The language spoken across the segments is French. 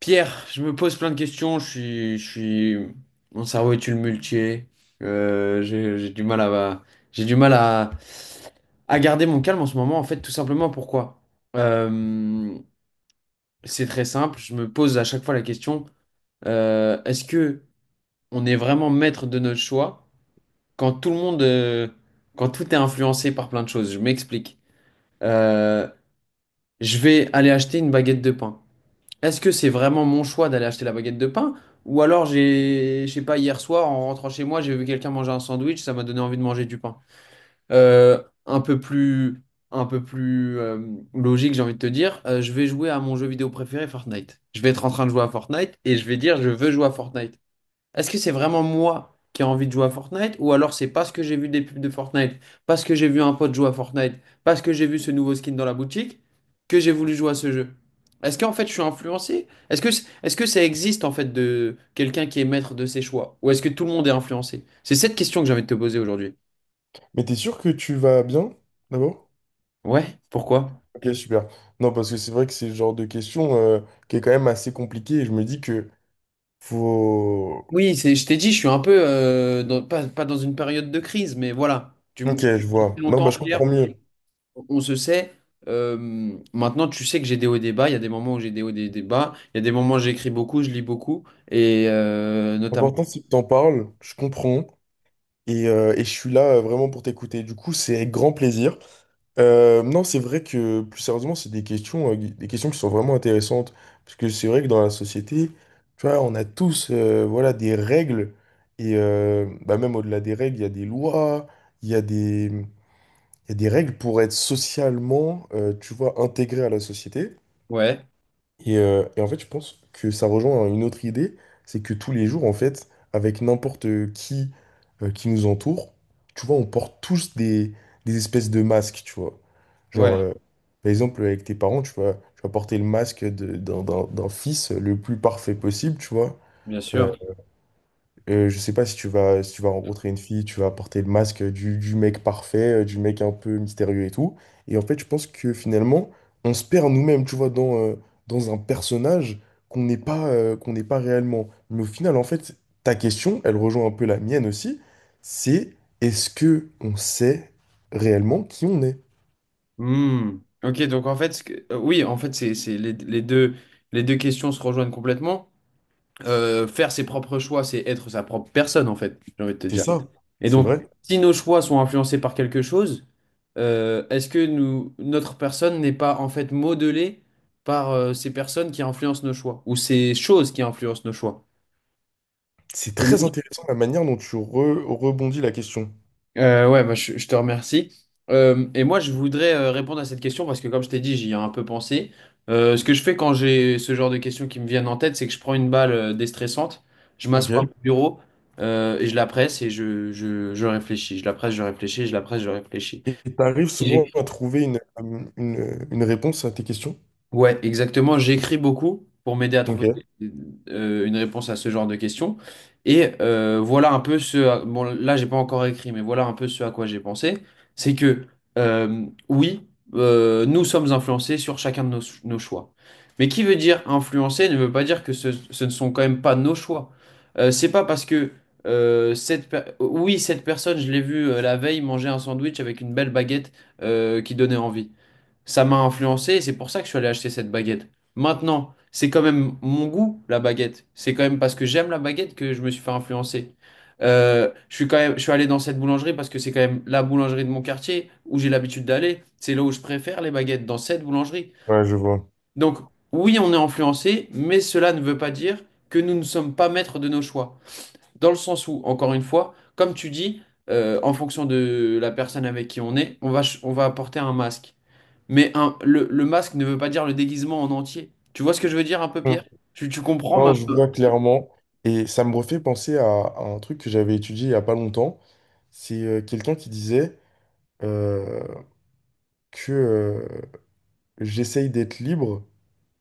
Pierre, je me pose plein de questions. Je suis, mon cerveau est tumultué. J'ai du mal à, à garder mon calme en ce moment. En fait, tout simplement pourquoi? Euh, c'est très simple. Je me pose à chaque fois la question, est-ce que on est vraiment maître de notre choix quand quand tout est influencé par plein de choses? Je m'explique. Euh, je vais aller acheter une baguette de pain. Est-ce que c'est vraiment mon choix d'aller acheter la baguette de pain? Ou alors j'ai, je sais pas, hier soir, en rentrant chez moi, j'ai vu quelqu'un manger un sandwich, ça m'a donné envie de manger du pain. Euh, un peu plus, un peu plus logique, j'ai envie de te dire, je vais jouer à mon jeu vidéo préféré, Fortnite. Je vais être en train de jouer à Fortnite et je vais dire, je veux jouer à Fortnite. Est-ce que c'est vraiment moi qui ai envie de jouer à Fortnite ou alors c'est parce que j'ai vu des pubs de Fortnite, parce que j'ai vu un pote jouer à Fortnite, parce que j'ai vu ce nouveau skin dans la boutique que j'ai voulu jouer à ce jeu? Est-ce qu'en fait je suis influencé? Est-ce que ça existe en fait de quelqu'un qui est maître de ses choix ou est-ce que tout le monde est influencé? C'est cette question que j'ai envie de te poser aujourd'hui. Mais t'es sûr que tu vas bien, d'abord? Ouais, pourquoi? Ok, super. Non, parce que c'est vrai que c'est le genre de question qui est quand même assez compliquée et je me dis que faut... Oui, c'est, je t'ai dit, je suis un peu dans- pas, pas dans une période de crise, mais voilà. Tu Ok, m- je depuis vois. Non, bah longtemps, je Pierre. comprends mieux. On se sait. Maintenant, tu sais que j'ai des hauts et des bas. Il y a des moments où j'ai des hauts et des bas. Il y a des moments où j'écris beaucoup, je lis beaucoup. Et notamment. L'important, c'est que t'en parles, je comprends et je suis là vraiment pour t'écouter. Du coup, c'est avec grand plaisir. Non, c'est vrai que plus sérieusement, c'est des questions qui sont vraiment intéressantes. Parce que c'est vrai que dans la société, tu vois, on a tous voilà, des règles. Et bah, même au-delà des règles, il y a des lois, il y a des règles pour être socialement, tu vois, intégré à la société. Ouais, Et en fait, je pense que ça rejoint une autre idée, c'est que tous les jours, en fait, avec n'importe qui qui nous entoure, tu vois, on porte tous des espèces de masques, tu vois. Genre, ouais, par exemple, avec tes parents, tu vois, tu vas porter le masque d'un fils le plus parfait possible, tu vois. bien Euh, sûr. Je sais pas si tu vas, si tu vas rencontrer une fille, tu vas porter le masque du mec parfait, du mec un peu mystérieux et tout. Et en fait, je pense que finalement, on se perd nous-mêmes, tu vois, dans, dans un personnage qu'on n'est pas réellement. Mais au final, en fait, ta question, elle rejoint un peu la mienne aussi, c'est est-ce que on sait réellement qui on est? Hmm. Ok, donc en fait, oui, en fait, c'est les, les deux questions se rejoignent complètement. Faire ses propres choix, c'est être sa propre personne, en fait, j'ai envie de te C'est dire. ça, Et c'est donc, vrai. si nos choix sont influencés par quelque chose, est-ce que nous, notre personne n'est pas en fait modelée par ces personnes qui influencent nos choix ou ces choses qui influencent nos choix? C'est Et très moi- intéressant la manière dont rebondis la question. Je te remercie. Et moi, je voudrais répondre à cette question parce que, comme je t'ai dit, j'y ai un peu pensé. Ce que je fais quand j'ai ce genre de questions qui me viennent en tête, c'est que je prends une balle déstressante, je Ok. m'assois à mon bureau et je la presse et je réfléchis. Je la presse, je réfléchis, je la presse, je réfléchis. Et tu arrives souvent à trouver une réponse à tes questions? Ouais, exactement. J'écris beaucoup pour m'aider à trouver Ok, des- une réponse à ce genre de questions. Et voilà un peu ce... à- Bon, là, j'ai pas encore écrit, mais voilà un peu ce à quoi j'ai pensé. C'est que, euh, oui, nous sommes influencés sur chacun de nos choix. Mais qui veut dire influencer ne veut pas dire que ce ne sont quand même pas nos choix. C'est pas parce que... cette per- Oui, cette personne, je l'ai vue la veille manger un sandwich avec une belle baguette qui donnait envie. Ça m'a influencé et c'est pour ça que je suis allé acheter cette baguette. Maintenant, c'est quand même mon goût, la baguette. C'est quand même parce que j'aime la baguette que je me suis fait influencer. Je suis allé dans cette boulangerie parce que c'est quand même la boulangerie de mon quartier où j'ai l'habitude d'aller. C'est là où je préfère les baguettes, dans cette boulangerie. ouais, je vois. Donc, oui, on est influencé, mais cela ne veut pas dire que nous ne sommes pas maîtres de nos choix. Dans le sens où, encore une fois, comme tu dis, en fonction de la personne avec qui on est, on va, ch- on va porter un masque. Mais un, le masque ne veut pas dire le déguisement en entier. Tu vois ce que je veux dire un peu, Pierre? Mm. Tu comprends Non, ma... je vois clairement. Et ça me refait penser à un truc que j'avais étudié il n'y a pas longtemps. C'est quelqu'un qui disait euh, que j'essaye d'être libre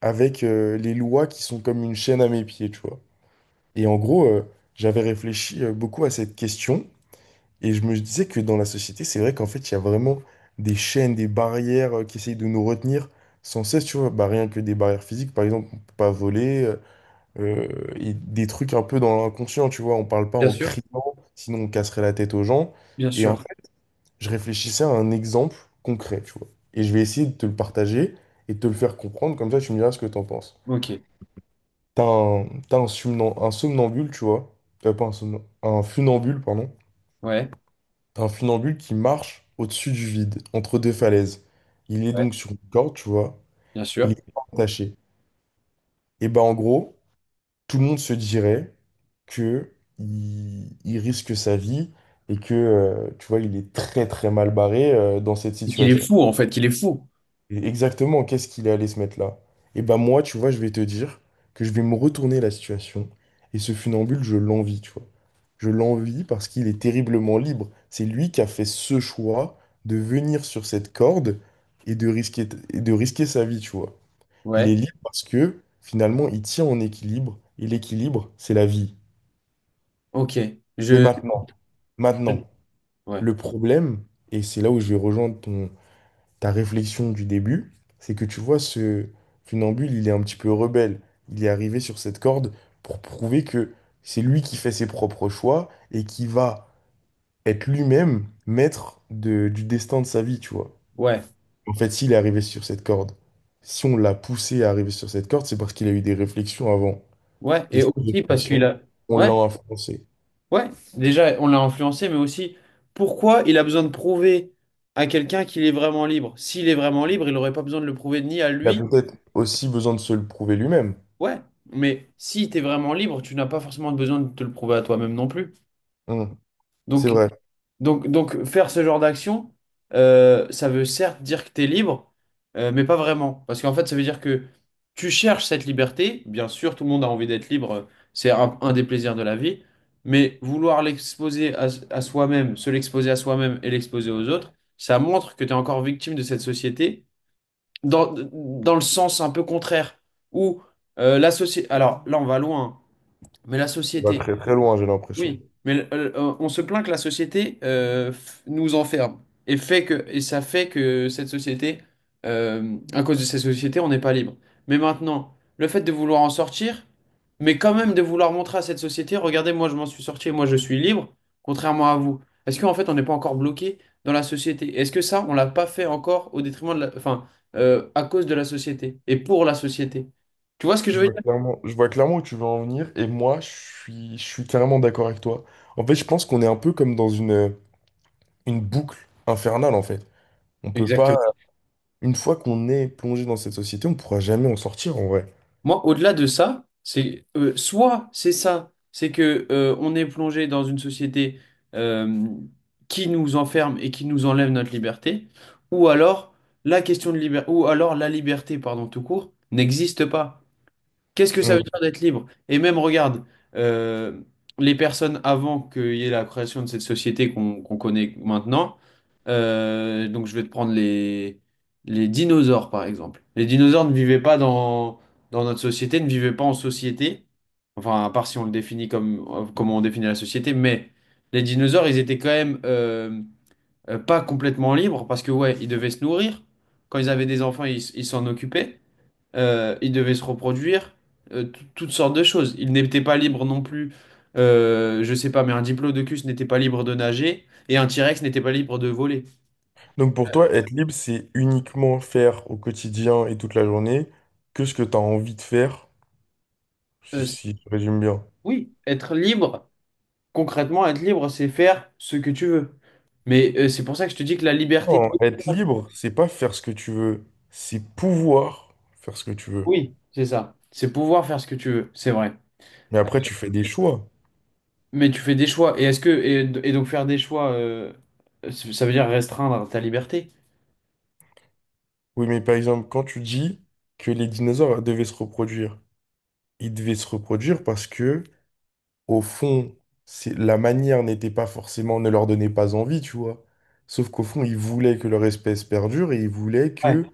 avec les lois qui sont comme une chaîne à mes pieds, tu vois. Et en gros, j'avais réfléchi beaucoup à cette question. Et je me disais que dans la société, c'est vrai qu'en fait, il y a vraiment des chaînes, des barrières qui essayent de nous retenir sans cesse, tu vois. Bah, rien que des barrières physiques, par exemple, on peut pas voler, euh, et des trucs un peu dans l'inconscient, tu vois. On parle pas Bien en sûr. criant, sinon on casserait la tête aux gens. Bien Et en sûr. fait, je réfléchissais à un exemple concret, tu vois. Et je vais essayer de te le partager et de te le faire comprendre, comme ça tu me diras ce que t'en penses. Ok. Un somnambule, tu vois. Pas un somnambule, un funambule, pardon. Ouais. T'as un funambule qui marche au-dessus du vide, entre deux falaises. Il est Ouais. donc sur une corde, tu vois, Bien et il sûr. est pas attaché. Et ben en gros, tout le monde se dirait que il risque sa vie et que, tu vois, il est très très mal barré dans cette Et qu'il est situation. fou, en fait, qu'il est fou. Et exactement, qu'est-ce qu'il est allé se mettre là? Et ben moi, tu vois, je vais te dire que je vais me retourner la situation. Et ce funambule, je l'envie, tu vois. Je l'envie parce qu'il est terriblement libre. C'est lui qui a fait ce choix de venir sur cette corde et de risquer sa vie, tu vois. Il Ouais. est libre parce que finalement, il tient en équilibre. Et l'équilibre, c'est la vie. Ok. Mais Je... maintenant, je- maintenant, Ouais. le problème, et c'est là où je vais rejoindre ta réflexion du début, c'est que tu vois, ce funambule, il est un petit peu rebelle. Il est arrivé sur cette corde pour prouver que c'est lui qui fait ses propres choix et qui va être lui-même maître du destin de sa vie, tu vois. Ouais. En fait, s'il est arrivé sur cette corde, si on l'a poussé à arriver sur cette corde, c'est parce qu'il a eu des réflexions avant. Ouais. Et Et ces aussi parce qu'il réflexions, a... on l'a Ouais. influencé. Ouais, déjà, on l'a influencé, mais aussi, pourquoi il a besoin de prouver à quelqu'un qu'il est vraiment libre? S'il est vraiment libre, il n'aurait pas besoin de le prouver ni à Il a lui. peut-être aussi besoin de se le prouver lui-même. Ouais, mais si tu es vraiment libre, tu n'as pas forcément besoin de te le prouver à toi-même non plus. Hum, c'est Donc, vrai. donc, faire ce genre d'action, ça veut certes dire que tu es libre, mais pas vraiment. Parce qu'en fait, ça veut dire que tu cherches cette liberté. Bien sûr, tout le monde a envie d'être libre, c'est un des plaisirs de la vie. Mais vouloir l'exposer à soi-même, se l'exposer à soi-même et l'exposer aux autres, ça montre que tu es encore victime de cette société dans le sens un peu contraire, où la société... Alors là, on va loin, hein, mais la On va société très très loin, j'ai l'impression. oui, mais on se plaint que la société f- nous enferme et fait que et ça fait que cette société, à cause de cette société, on n'est pas libre. Mais maintenant, le fait de vouloir en sortir, mais quand même de vouloir montrer à cette société, regardez, moi je m'en suis sorti, moi je suis libre, contrairement à vous. Est-ce qu'en fait on n'est pas encore bloqué dans la société? Est-ce que ça, on l'a pas fait encore au détriment de la, enfin, à cause de la société et pour la société? Tu vois ce que je veux dire? Je vois clairement où tu veux en venir et moi, je suis carrément d'accord avec toi. En fait, je pense qu'on est un peu comme dans une boucle infernale, en fait. On peut pas, Exactement. une fois qu'on est plongé dans cette société, on pourra jamais en sortir, en vrai. Moi, au-delà de ça, c'est soit c'est ça, c'est que on est plongé dans une société euh, qui nous enferme et qui nous enlève notre liberté, ou alors la question de liberté, ou alors la liberté, pardon, tout court, n'existe pas. Qu'est-ce que ça veut Mm. dire d'être libre? Et même, regarde, euh, les personnes avant qu'il y ait la création de cette société qu'on connaît maintenant, donc je vais te prendre les dinosaures, par exemple. Les dinosaures ne vivaient pas dans notre société, ne vivaient pas en société, enfin, à part si on le définit comme comment on définit la société, mais les dinosaures, ils étaient quand même pas complètement libres parce que, ouais, ils devaient se nourrir. Quand ils avaient des enfants, ils s- ils s'en occupaient. Il devait se reproduire, toutes sortes de choses. Il n'était pas libre non plus, je sais pas, mais un diplodocus n'était pas libre de nager et un T-Rex n'était pas libre de voler. Donc pour toi, être libre, c'est uniquement faire au quotidien et toute la journée que ce que tu as envie de faire, C'est- si je résume bien. oui, être libre, concrètement, être libre, c'est faire ce que tu veux. Mais c'est pour ça que je te dis que la liberté Non, être totale, libre, c'est pas faire ce que tu veux, c'est pouvoir faire ce que tu veux. oui, c'est ça. C'est pouvoir faire ce que tu veux, c'est vrai. Mais après, tu fais des choix. Mais tu fais des choix. Et donc faire des choix, ça veut dire restreindre ta liberté? Oui, mais par exemple, quand tu dis que les dinosaures devaient se reproduire, ils devaient se reproduire parce que, au fond, c'est, la manière n'était pas forcément, ne leur donnait pas envie, tu vois. Sauf qu'au fond, ils voulaient que leur espèce perdure et ils voulaient Ouais. que,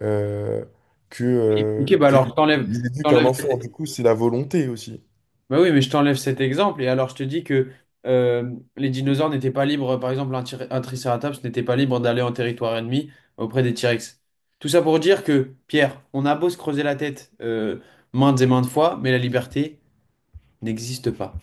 euh, que, Oui. euh, Ok, bah que- alors je t'enlève. ils éduquent un enfant. Du coup, c'est la volonté aussi. Bah oui, mais je t'enlève cet exemple et alors je te dis que euh, les dinosaures n'étaient pas libres, par exemple un, tir- un triceratops n'était pas libre d'aller en territoire ennemi auprès des T-Rex. Tout ça pour dire que, Pierre, on a beau se creuser la tête maintes et maintes fois, mais la liberté n'existe pas.